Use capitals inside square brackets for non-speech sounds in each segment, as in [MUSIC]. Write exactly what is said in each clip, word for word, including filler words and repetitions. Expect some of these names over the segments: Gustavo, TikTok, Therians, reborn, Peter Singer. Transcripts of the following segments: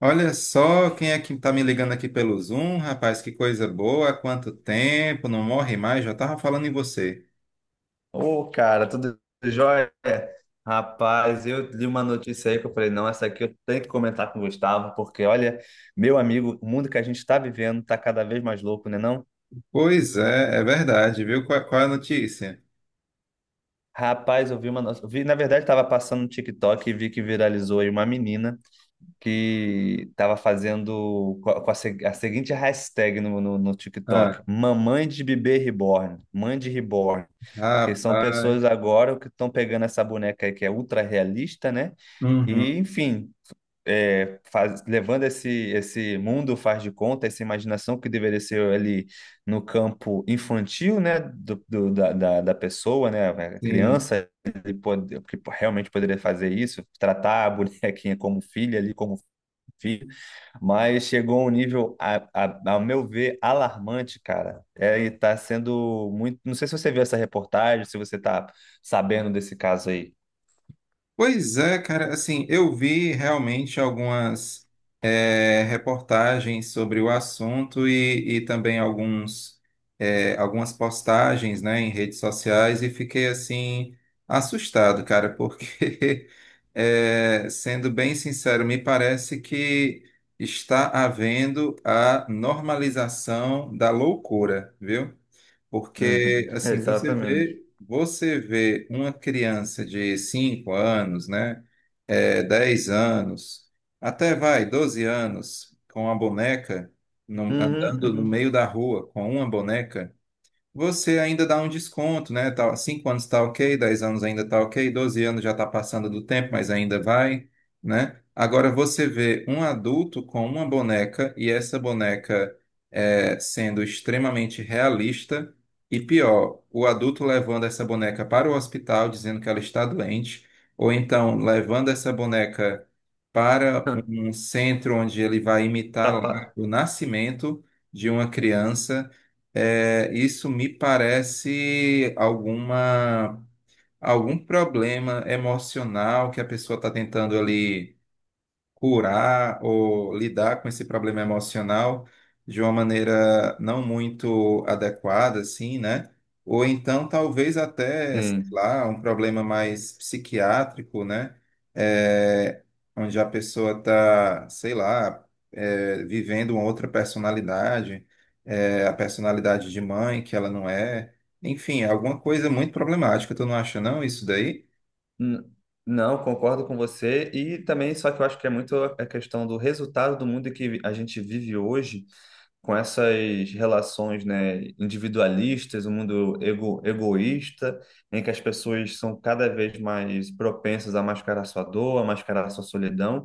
Olha só quem é que tá me ligando aqui pelo Zoom, rapaz, que coisa boa, há quanto tempo, não morre mais, já tava falando em você. Ô, cara, tudo jóia? Rapaz, eu li uma notícia aí que eu falei, não, essa aqui eu tenho que comentar com o Gustavo, porque olha, meu amigo, o mundo que a gente está vivendo tá cada vez mais louco, né não? Pois é, é verdade, viu? Qual, qual é a notícia? Rapaz, eu vi uma, no- eu vi, na verdade, estava passando no TikTok e vi que viralizou aí uma menina. Que estava fazendo co- com a, se- a seguinte hashtag no, no, no Ah, TikTok: mamãe de bebê reborn, mãe de reborn. Que são pessoas rapaz, agora que estão pegando essa boneca aí que é ultra realista, né? uhum, E, enfim, é, faz- levando esse, esse mundo faz de conta, essa imaginação que deveria ser ali no campo infantil, né, do, do- da, da, da pessoa, né, a sim. criança, ele pode, que realmente poderia fazer isso, tratar a bonequinha como filha ali, como filho, mas chegou a um nível, a, a- ao meu ver, alarmante, cara. É, e tá sendo muito. Não sei se você viu essa reportagem, se você tá sabendo desse caso aí. Pois é, cara, assim, eu vi realmente algumas eh, reportagens sobre o assunto e, e também alguns, eh, algumas postagens, né, em redes sociais e fiquei, assim, assustado, cara, porque, [LAUGHS] eh, sendo bem sincero, me parece que está havendo a normalização da loucura, viu? Uhum, Porque, [LAUGHS] assim, você exatamente. vê, você vê uma criança de cinco anos, né, é, dez anos, até vai, doze anos, com a boneca, num- andando no Uhum, meio da rua com uma boneca, você ainda dá um desconto, né? Tá, cinco anos está ok, dez anos ainda está ok, doze anos já está passando do tempo, mas ainda vai, né? Agora você vê um adulto com uma boneca e essa boneca é, sendo extremamente realista e pior, o adulto levando essa boneca para o hospital dizendo que ela está doente, ou então levando essa boneca para uhum. um [LAUGHS] centro onde ele vai imitar Tá lá pa- o nascimento de uma criança, é, isso me parece alguma, algum problema emocional que a pessoa está tentando ali curar ou lidar com esse problema emocional de uma maneira não muito adequada, assim, né? Ou então, talvez até, sei Sim. lá, um problema mais psiquiátrico, né? É, onde a pessoa está, sei lá, é, vivendo uma outra personalidade, é, a personalidade de mãe que ela não é. Enfim, alguma coisa muito problemática, tu não acha não isso daí? N- Não, concordo com você. E também, só que eu acho que é muito a questão do resultado do mundo que a gente vive hoje com essas relações, né, individualistas, o um mundo ego, egoísta, em que as pessoas são cada vez mais propensas a mascarar sua dor, a mascarar sua solidão,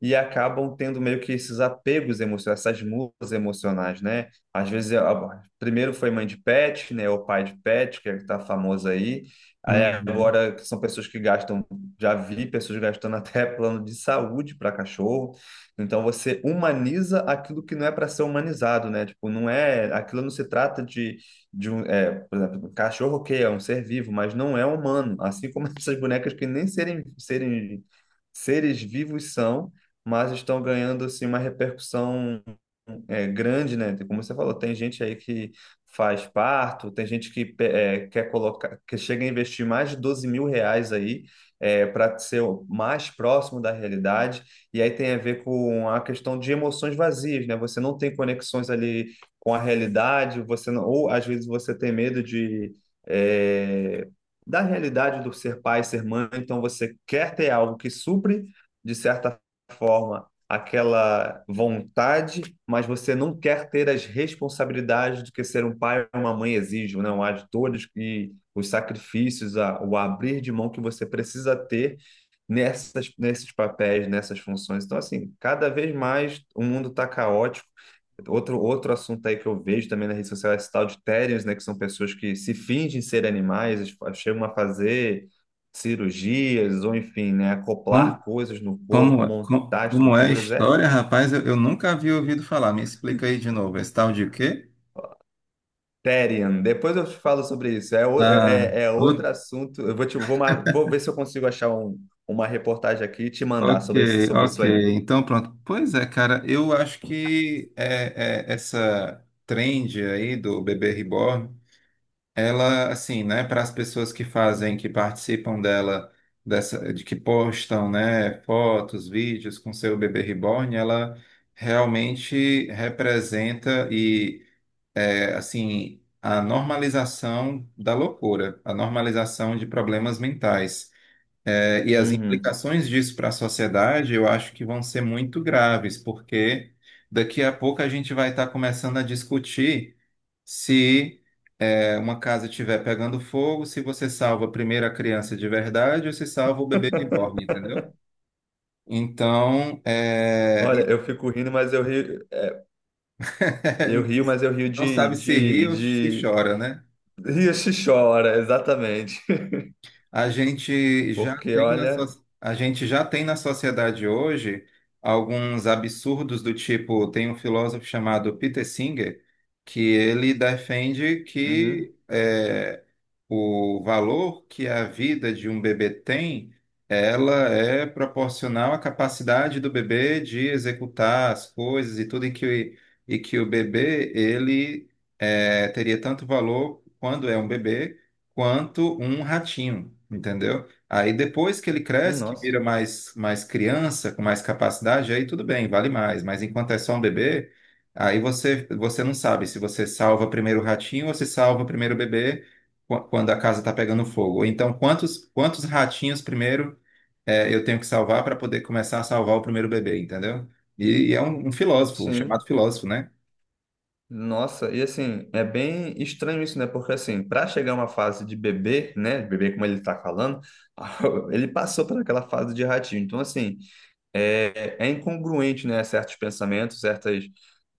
e acabam tendo meio que esses apegos emocionais, essas mudas emocionais, né? Às vezes, a- a- primeiro foi mãe de pet, né, ou pai de pet, que é que tá famoso aí. Aí Uhum. agora são pessoas que gastam, já vi pessoas gastando [LAUGHS] até plano de saúde para cachorro. Então você humaniza aquilo que não é para ser humanizado, né? Tipo, não é, aquilo não se trata de, de um, é, por exemplo, um cachorro que é um ser vivo, mas não é humano, assim como [LAUGHS] essas bonecas que nem serem, serem seres vivos são, mas estão ganhando assim uma repercussão é, grande, né? Tipo, como você falou, tem gente aí que faz parto, tem gente que é, quer colocar, que chega a investir mais de doze mil reais aí para ser o mais próximo da realidade. E aí tem a ver com a questão de emoções vazias, né? Você não tem conexões ali com a realidade, você não, ou às vezes você tem medo de é, da realidade do ser pai, ser mãe, então você quer ter algo que supre, de certa forma, aquela vontade, mas você não quer ter as responsabilidades do que ser um pai ou uma mãe exige, né? Há de todos e os sacrifícios, a- o abrir de mão que você precisa ter nessas, nesses papéis, nessas funções. Então, assim, cada vez mais o mundo está caótico. Outro, outro assunto aí que eu vejo também na rede social é esse tal de Therians, né? Que são pessoas que se fingem ser animais, eles fa- chegam a fazer cirurgias, ou enfim, né? Acoplar coisas no Como, corpo, é- co- montar como é a estruturas. É história, rapaz? Eu, eu nunca havia ouvido falar. Me explica aí de novo. Esse tal de o quê? Therian. Depois eu te falo sobre isso. É, o- Ah, é, é o- outro assunto. Eu vou, te, vou, mar- vou ver se eu consigo achar um, uma reportagem aqui e te mandar sobre, esse- ok, sobre isso aí. ok. Então, pronto. Pois é, cara, eu acho que é, é, essa trend aí do bebê reborn, ela, assim, né, para as pessoas que fazem, que participam dela, dessa, de que postam, né, fotos, vídeos com seu bebê reborn, ela realmente representa, é, assim, a normalização da loucura, a normalização de problemas mentais. É, e as Uhum. implicações disso para a sociedade, eu acho que vão ser muito graves, porque daqui a pouco a gente vai estar começando a discutir se é, uma casa estiver pegando fogo, se você salva primeiro a criança de verdade ou se salva o bebê de borne, entendeu? Então, é, Olha, eu fico rindo, mas eu rio, eu rio, [LAUGHS] mas eu rio não de, sabe se ri de, ou se de... chora, né? [LAUGHS] Rio se chora, exatamente. A gente [LAUGHS] já Porque, tem na, olha, so- a gente já tem na sociedade hoje alguns absurdos do tipo, tem um filósofo chamado Peter Singer, que ele defende uhum, que é, o valor que a vida de um bebê tem, ela é proporcional à capacidade do bebê de executar as coisas e tudo, e que, e que o bebê, ele é, teria tanto valor quando é um bebê quanto um ratinho, entendeu? Aí depois que ele cresce, que nossa, vira mais, mais criança, com mais capacidade, aí tudo bem, vale mais. Mas enquanto é só um bebê, aí você, você não sabe se você salva primeiro o ratinho ou se salva primeiro o bebê qu- quando a casa está pegando fogo. Ou então, quantos, quantos ratinhos primeiro é, eu tenho que salvar para poder começar a salvar o primeiro bebê, entendeu? E, e é um, um filósofo, um sim, chamado filósofo, né? nossa, e assim, é bem estranho isso, né? Porque assim, para chegar a uma fase de bebê, né, bebê como ele tá falando, [LAUGHS] ele passou por aquela fase de ratinho. Então, assim, é, é incongruente, né, certos pensamentos, certas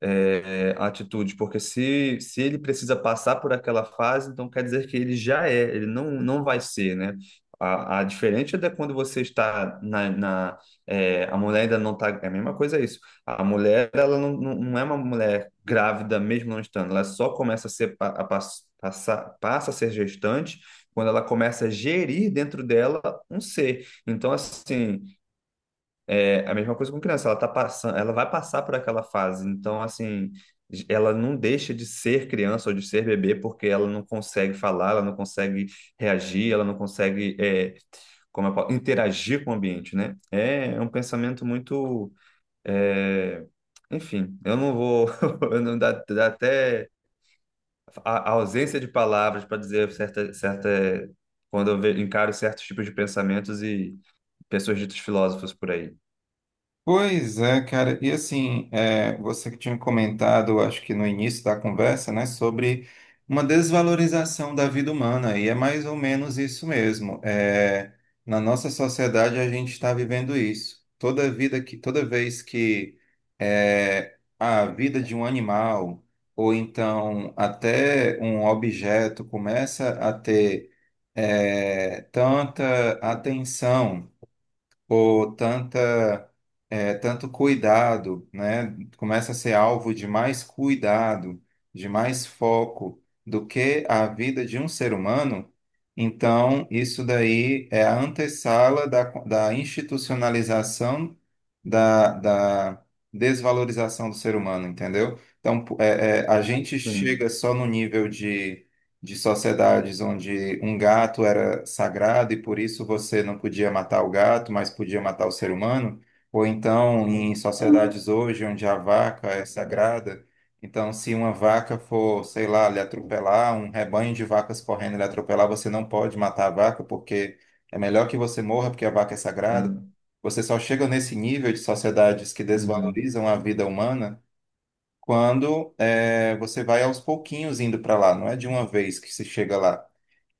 é, atitudes, porque se, se ele precisa passar por aquela fase, então quer dizer que ele já é, ele não, não vai ser, né? A, a diferente é da quando você está na, na é, a mulher ainda não está, é a mesma coisa isso. A mulher, ela não, não não é uma mulher grávida mesmo não estando, ela só começa a ser, pa- a, pass- passar passa a ser gestante quando ela começa a gerir dentro dela um ser. Então, assim, é a mesma coisa com criança, ela tá passando, ela vai passar por aquela fase, então assim, ela não deixa de ser criança ou de ser bebê porque ela não consegue falar, ela não consegue reagir, ela não consegue, é, como eu falo, interagir com o ambiente, né? É um pensamento muito, é, enfim, eu não vou, [LAUGHS] eu não dá, dá até a, a ausência de palavras para dizer certa, certa, quando eu ve- encaro certos tipos de pensamentos e pessoas ditas filósofos por aí. Pois é, cara. E assim, é, você que tinha comentado, acho que no início da conversa, né, sobre uma desvalorização da vida humana, e é mais ou menos isso mesmo. É, na nossa sociedade, a gente está vivendo isso. Toda vida que, toda vez que é, a vida de um animal, ou então até um objeto, começa a ter, é, tanta atenção por tanta, eh, tanto cuidado, né? Começa a ser alvo de mais cuidado, de mais foco do que a vida de um ser humano. Então, isso daí é a antessala da, da institucionalização da, da desvalorização do ser humano, entendeu? Então, é, é, a gente Sim. chega só no nível de de sociedades onde um gato era sagrado e por isso você não podia matar o gato, mas podia matar o ser humano, ou então em sociedades hoje onde a vaca é sagrada, então se uma vaca for, sei lá, lhe atropelar, um rebanho de vacas correndo lhe atropelar, você não pode matar a vaca porque é melhor que você morra porque a vaca é sagrada. É. Você só chega nesse nível de sociedades que Uhum. desvalorizam a vida humana quando é, você vai aos pouquinhos indo para lá, não é de uma vez que se chega lá.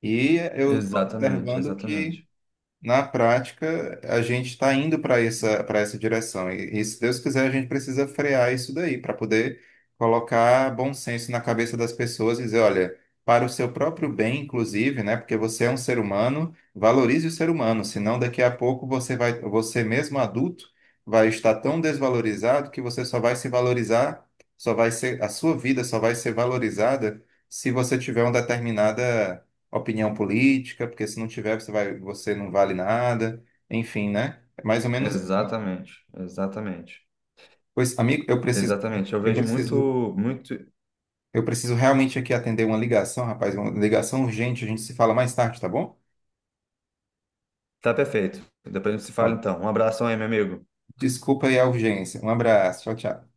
E eu estou Exatamente, observando que exatamente. na prática, a gente está indo para essa, para essa direção. E, e se Deus quiser, a gente precisa frear isso daí para poder colocar bom senso na cabeça das pessoas e dizer, olha, para o seu próprio bem, inclusive, né? Porque você é um ser humano, valorize o ser humano, senão daqui a pouco você vai, você mesmo adulto vai estar tão desvalorizado que você só vai se valorizar, só vai ser, a sua vida só vai ser valorizada se você tiver uma determinada opinião política, porque se não tiver, você vai, você não vale nada. Enfim, né? É mais ou menos isso. Exatamente, exatamente. Pois, amigo, eu preciso, Exatamente. Eu eu vejo muito, preciso, muito. eu preciso realmente aqui atender uma ligação, rapaz, uma ligação urgente. A gente se fala mais tarde, tá bom? Tá perfeito. Depois a gente se fala Bom, então. Um abração aí, meu amigo. desculpa aí a urgência. Um abraço. Tchau, tchau.